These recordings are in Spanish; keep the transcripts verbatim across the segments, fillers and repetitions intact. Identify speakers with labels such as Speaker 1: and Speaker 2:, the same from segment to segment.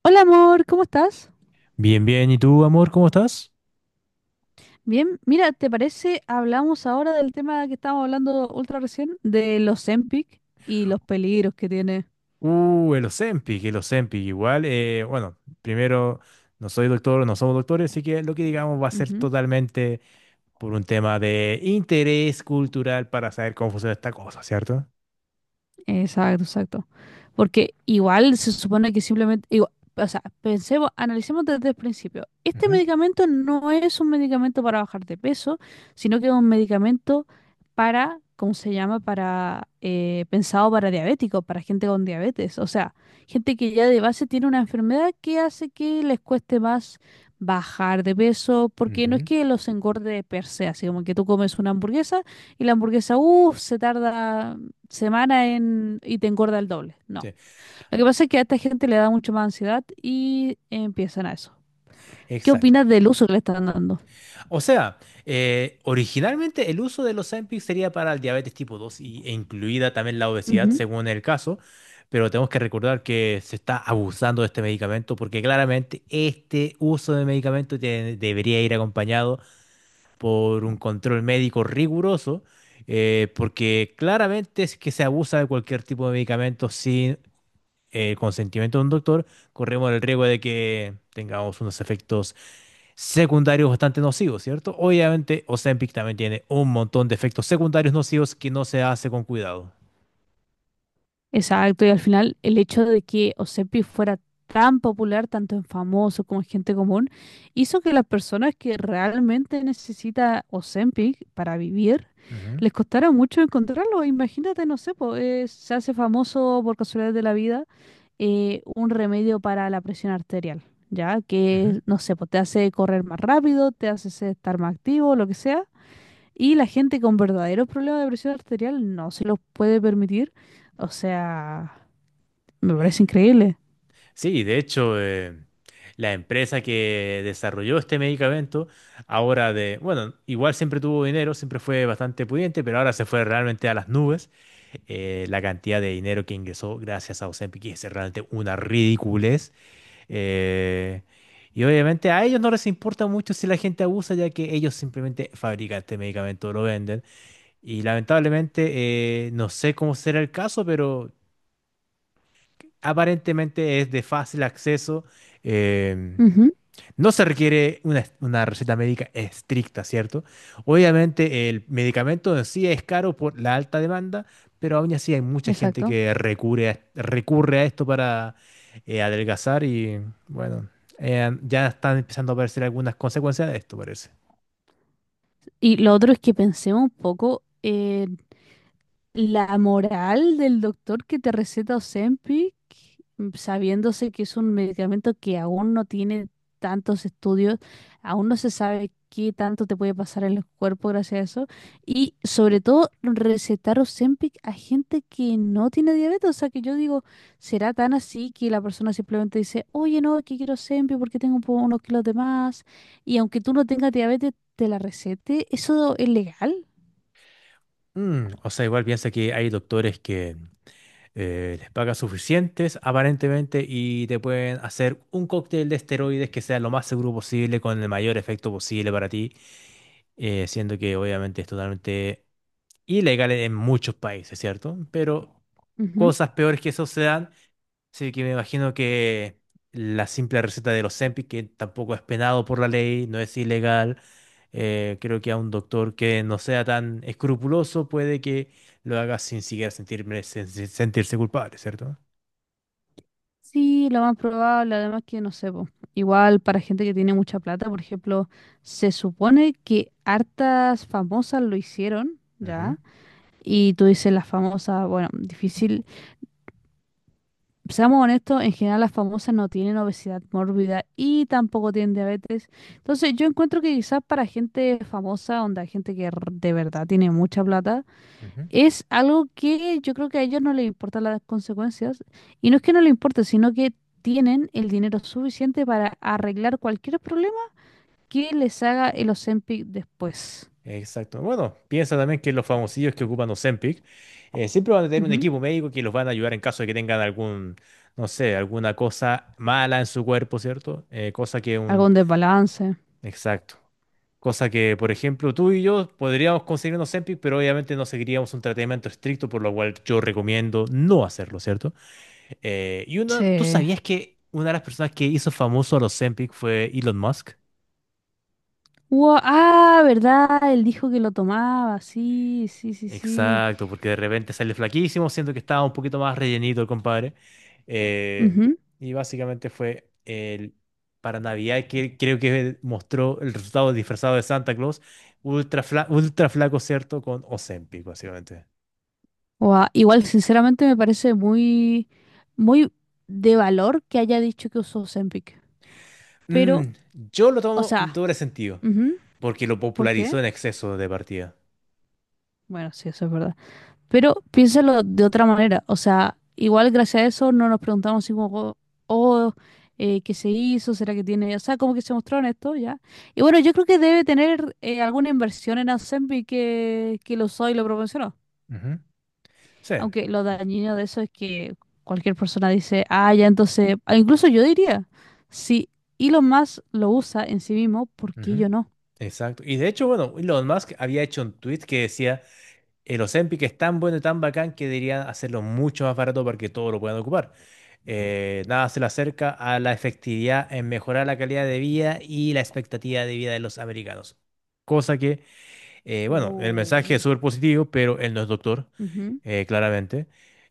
Speaker 1: Hola amor, ¿cómo estás?
Speaker 2: Bien, bien. ¿Y tú, amor, cómo estás?
Speaker 1: Bien, mira, ¿te parece? Hablamos ahora del tema que estábamos hablando ultra recién, de los Zempic y los peligros que tiene.
Speaker 2: Uh, El Ozempic, el Ozempic. Igual, eh, bueno, primero, no soy doctor, no somos doctores, así que lo que digamos va a ser totalmente por un tema de interés cultural para saber cómo funciona esta cosa, ¿cierto?
Speaker 1: Exacto, exacto. Porque igual se supone que simplemente, igual- o sea, pensemos, analicemos desde el principio. Este
Speaker 2: Ujú.
Speaker 1: medicamento no es un medicamento para bajar de peso, sino que es un medicamento para, ¿cómo se llama? Para, eh, pensado para diabéticos, para gente con diabetes. O sea, gente que ya de base tiene una enfermedad que hace que les cueste más bajar de peso, porque no es
Speaker 2: Ujú.
Speaker 1: que los engorde per se, así como que tú comes una hamburguesa y la hamburguesa, uff, se tarda semana en, y te engorda el doble. No.
Speaker 2: Sí.
Speaker 1: Lo que pasa es que a esta gente le da mucho más ansiedad y empiezan a eso. ¿Qué
Speaker 2: Exacto.
Speaker 1: opinas del uso que le están dando?
Speaker 2: O sea, eh, originalmente el uso del Ozempic sería para el diabetes tipo dos y, e incluida también la obesidad
Speaker 1: Ujú.
Speaker 2: según el caso, pero tenemos que recordar que se está abusando de este medicamento porque claramente este uso de medicamento tiene- debería ir acompañado por un control médico riguroso, eh, porque claramente es que se abusa de cualquier tipo de medicamento sin eh, consentimiento de un doctor, corremos el riesgo de que tengamos unos efectos secundarios bastante nocivos, ¿cierto? Obviamente, Ozempic también tiene un montón de efectos secundarios nocivos que no se hace con cuidado.
Speaker 1: Exacto, y al final el hecho de que Osepi fuera tan popular, tanto en famosos como en gente común, hizo que las personas que realmente necesita Ozempic para vivir,
Speaker 2: Ujú.
Speaker 1: les costara mucho encontrarlo. Imagínate, no sé, po, eh, se hace famoso por casualidad de la vida eh, un remedio para la presión arterial, ¿ya?
Speaker 2: Ujú.
Speaker 1: Que, no sé, pues te hace correr más rápido, te hace ser- estar más activo, lo que sea. Y la gente con verdaderos problemas de presión arterial no se los puede permitir. O sea, me parece increíble.
Speaker 2: Sí, de hecho, eh, la empresa que desarrolló este medicamento, ahora de, bueno, igual siempre tuvo dinero, siempre fue bastante pudiente, pero ahora se fue realmente a las nubes, eh, la cantidad de dinero que ingresó gracias a Ozempic y es realmente una ridiculez. Eh, y obviamente a ellos no les importa mucho si la gente abusa, ya que ellos simplemente fabrican este medicamento, lo venden. Y lamentablemente, eh, no sé cómo será el caso, pero aparentemente es de fácil acceso. em,
Speaker 1: Ujú,
Speaker 2: no se requiere una, una receta médica estricta, ¿cierto? Obviamente el medicamento en sí es caro por la alta demanda, pero aún así hay mucha gente
Speaker 1: exacto.
Speaker 2: que recurre a, recurre a esto para eh, adelgazar y bueno, eh, ya están empezando a aparecer algunas consecuencias de esto, parece.
Speaker 1: Y lo otro es que pensemos un poco eh, la moral del doctor que te receta Ozempic, mm, sabiéndose que es un medicamento que aún no tiene tantos estudios, aún no se sabe qué tanto te puede pasar en el cuerpo gracias a eso, y sobre todo recetar Ozempic a gente que no tiene diabetes, o sea que yo digo, será tan así que la persona simplemente dice, oye, no, es que quiero Ozempic porque tengo un po- unos kilos de más, y aunque tú no tengas diabetes, te la recete, ¿eso es legal?
Speaker 2: Mm, o sea, igual piensa que hay doctores que eh, les pagan suficientes, aparentemente, y te pueden hacer un cóctel de esteroides que sea lo más seguro posible, con el mayor efecto posible para ti, eh, siendo que obviamente es totalmente ilegal en muchos países, ¿cierto? Pero cosas peores que eso se dan, así que me imagino que la simple receta de los Ozempic, que tampoco es penado por la ley, no es ilegal, eh, creo que a un doctor que no sea tan escrupuloso puede que lo haga sin siquiera sentirme- sen- sen- sentirse culpable, ¿cierto?
Speaker 1: Sí, lo más probable, además que no sé, po, igual para gente que tiene mucha plata, por ejemplo, se supone que hartas famosas lo hicieron,
Speaker 2: Ujú.
Speaker 1: ¿ya? Y tú dices las famosas, bueno, difícil. Seamos honestos, en general las famosas no tienen obesidad mórbida y tampoco tienen diabetes. Entonces yo encuentro que quizás para gente famosa, onda gente que r- de verdad tiene mucha plata,
Speaker 2: Ujú.
Speaker 1: es algo que yo creo que a ellos no les importan las consecuencias. Y no es que no les importe, sino que tienen el dinero suficiente para arreglar cualquier problema que les haga el Ozempic después.
Speaker 2: Exacto. Bueno, piensa también que los famosillos que ocupan Ozempic eh, siempre van a tener un
Speaker 1: Ujú.
Speaker 2: equipo médico que los van a ayudar en caso de que tengan algún, no sé, alguna cosa mala en su cuerpo, ¿cierto? Eh, cosa que un...
Speaker 1: Algún desbalance.
Speaker 2: Exacto. Cosa que, por ejemplo, tú y yo podríamos conseguir un Ozempic, pero obviamente no seguiríamos un tratamiento estricto, por lo cual yo recomiendo no hacerlo, ¿cierto? Eh, y uno, ¿tú
Speaker 1: Sí.
Speaker 2: sabías que una de las personas que hizo famoso a los Ozempic fue Elon Musk?
Speaker 1: Ua- ah, ¿verdad? Él dijo que lo tomaba. Sí, sí, sí, sí.
Speaker 2: Exacto, porque de repente sale flaquísimo, siento que estaba un poquito más rellenito el compadre. Eh,
Speaker 1: Ujú.
Speaker 2: y básicamente fue el, para Navidad que creo que mostró el resultado disfrazado de Santa Claus, ultra, fla- ultra flaco, ¿cierto? Con Ozempic, básicamente.
Speaker 1: Ua, igual, sinceramente, me parece muy, muy de valor que haya dicho que usó Ozempic.
Speaker 2: Mm,
Speaker 1: Pero,
Speaker 2: yo lo
Speaker 1: o
Speaker 2: tomo en
Speaker 1: sea,
Speaker 2: doble sentido,
Speaker 1: ujú,
Speaker 2: porque lo
Speaker 1: ¿por qué?
Speaker 2: popularizó en exceso de partida.
Speaker 1: Bueno, sí, eso es verdad. Pero piénsalo de otra manera. O sea, igual gracias a eso no nos preguntamos si como, oh, oh, eh, ¿qué se hizo? ¿Será que tiene? O sea, como que se mostró en esto ya. Y bueno, yo creo que debe tener eh, alguna inversión en Asembi que, que lo usó y lo proporcionó.
Speaker 2: Ujú. Sí.
Speaker 1: Aunque lo dañino de eso es que cualquier persona dice, ah, ya entonces, ah, incluso yo diría, si Elon Musk lo usa en sí mismo, ¿por qué
Speaker 2: Ujú.
Speaker 1: yo no?
Speaker 2: Exacto. Y de hecho, bueno, Elon Musk había hecho un tweet que decía... El Ozempic es tan bueno y tan bacán que deberían hacerlo mucho más barato para que todos lo puedan ocupar. Eh, nada se le acerca a la efectividad en mejorar la calidad de vida y la expectativa de vida de los americanos. Cosa que, eh, bueno, el mensaje es
Speaker 1: Uh,
Speaker 2: súper positivo, pero él no es doctor,
Speaker 1: ujú,
Speaker 2: eh, claramente.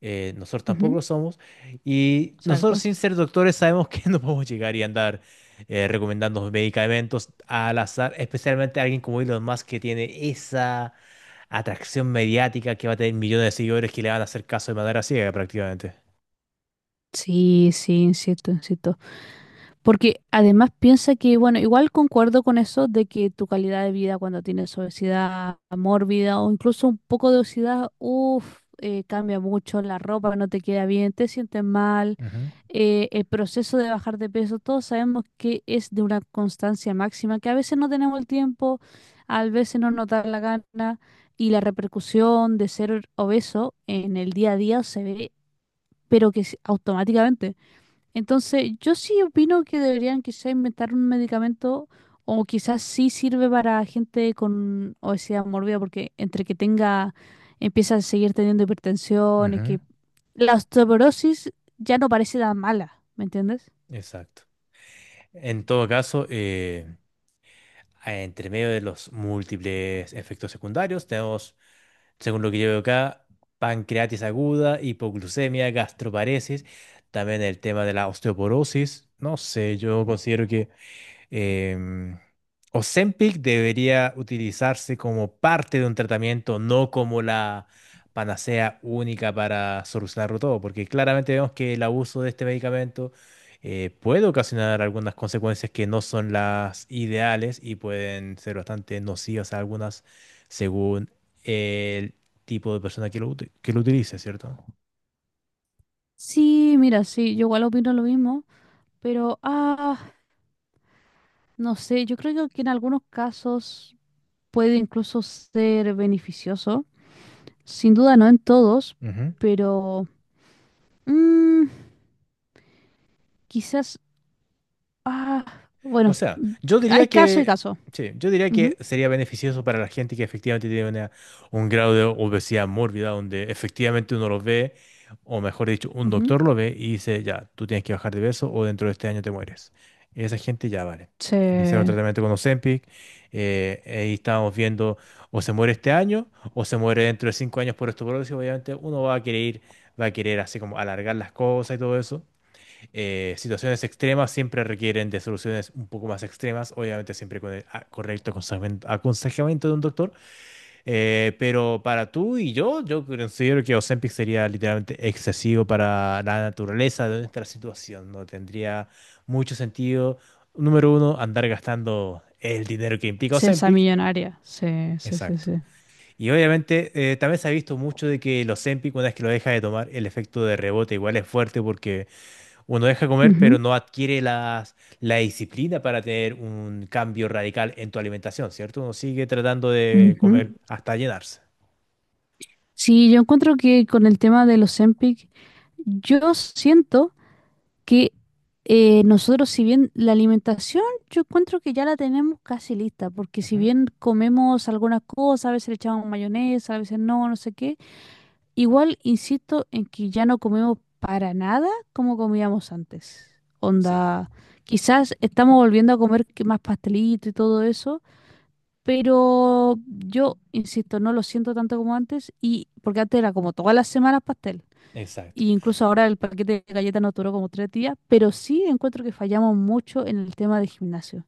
Speaker 2: Eh, nosotros tampoco
Speaker 1: ujú,
Speaker 2: lo somos. Y nosotros
Speaker 1: exacto.
Speaker 2: sin ser doctores sabemos que no podemos llegar y andar eh, recomendando medicamentos al azar, especialmente a alguien como Elon Musk que tiene esa atracción mediática que va a tener millones de seguidores que le van a hacer caso de manera ciega prácticamente.
Speaker 1: Sí, sí, insisto, insisto. Porque además piensa que, bueno, igual concuerdo con eso de que tu calidad de vida cuando tienes obesidad mórbida o incluso un poco de obesidad, uff, cambia mucho, la ropa no te queda bien, te sientes mal,
Speaker 2: Ujú.
Speaker 1: eh, el proceso de bajar de peso, todos sabemos que es de una constancia máxima, que a veces no tenemos el tiempo, a veces no nos da la gana y la repercusión de ser obeso en el día a día se ve, pero que es automáticamente. Entonces, yo sí opino que deberían quizá inventar un medicamento o quizás sí sirve para gente con obesidad mórbida porque entre que tenga, empieza a seguir teniendo hipertensión, y
Speaker 2: Ujú.
Speaker 1: que la osteoporosis ya no parece tan mala, ¿me entiendes?
Speaker 2: Exacto. En todo caso, eh, entre medio de los múltiples efectos secundarios, tenemos, según lo que yo veo acá, pancreatitis aguda, hipoglucemia, gastroparesis, también el tema de la osteoporosis. No sé, yo considero que Em, Ozempic debería utilizarse como parte de un tratamiento, no como la panacea única para solucionarlo todo, porque claramente vemos que el abuso de este medicamento eh, puede ocasionar algunas consecuencias que no son las ideales y pueden ser bastante nocivas a algunas según el tipo de persona que lo, uti- que lo utilice, ¿cierto?
Speaker 1: Sí, mira, sí, yo igual opino lo mismo, pero ah, no sé, yo creo que en algunos casos puede incluso ser beneficioso, sin duda no en todos, pero mm, quizás ah,
Speaker 2: O
Speaker 1: bueno,
Speaker 2: sea, yo diría
Speaker 1: hay caso y
Speaker 2: que,
Speaker 1: caso.
Speaker 2: sí, yo diría
Speaker 1: Ujú,
Speaker 2: que sería beneficioso para la gente que efectivamente tiene una- un grado de obesidad mórbida, donde efectivamente uno lo ve, o mejor dicho, un
Speaker 1: ujú.
Speaker 2: doctor lo ve y dice, ya, tú tienes que bajar de peso o dentro de este año te mueres. Y esa gente ya vale. Iniciaron
Speaker 1: Se,
Speaker 2: tratamiento con Ozempic, eh, ahí estábamos viendo o se muere este año o se muere dentro de cinco años por osteoporosis. Obviamente uno va a querer, va a querer así como alargar las cosas y todo eso, eh, situaciones extremas siempre requieren de soluciones un poco más extremas, obviamente siempre con el a- correcto aconsejamen- aconsejamiento de un doctor, eh, pero para tú y yo, yo considero que Ozempic sería literalmente excesivo para la naturaleza de nuestra situación, no tendría mucho sentido, número uno, andar gastando el dinero que implica
Speaker 1: se esa
Speaker 2: Ozempic,
Speaker 1: millonaria. Se, se, se,
Speaker 2: exacto.
Speaker 1: se.
Speaker 2: Y obviamente eh, también se ha visto mucho de que el Ozempic, una vez que lo deja de tomar, el efecto de rebote igual es fuerte porque uno deja de comer, pero
Speaker 1: Ujú,
Speaker 2: no adquiere las, la disciplina para tener un cambio radical en tu alimentación, ¿cierto? Uno sigue tratando de comer
Speaker 1: ujú.
Speaker 2: Ujú, hasta llenarse.
Speaker 1: Sí, yo encuentro que con el tema de los Ozempic, yo siento que eh, nosotros, si bien la alimentación, yo encuentro que ya la tenemos casi lista, porque si
Speaker 2: Ujú.
Speaker 1: bien comemos algunas cosas, a veces le echamos mayonesa, a veces no, no sé qué. Igual insisto en que ya no comemos para nada como comíamos antes.
Speaker 2: Sí,
Speaker 1: Onda, quizás estamos volviendo a comer que más pastelito y todo eso, pero yo insisto, no lo siento tanto como antes y porque antes era como todas las semanas pastel.
Speaker 2: exacto,
Speaker 1: Y incluso ahora el paquete de galletas nos duró como tres días, pero sí encuentro que fallamos mucho en el tema de gimnasio.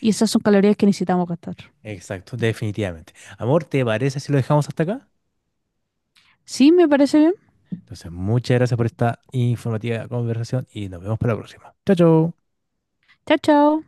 Speaker 1: Y esas son calorías que necesitamos gastar.
Speaker 2: exacto, definitivamente. Amor, ¿te parece si lo dejamos hasta acá?
Speaker 1: Sí, me parece bien.
Speaker 2: Entonces, muchas gracias por esta informativa conversación y nos vemos para la próxima. Chao, chao.
Speaker 1: Chao, chao.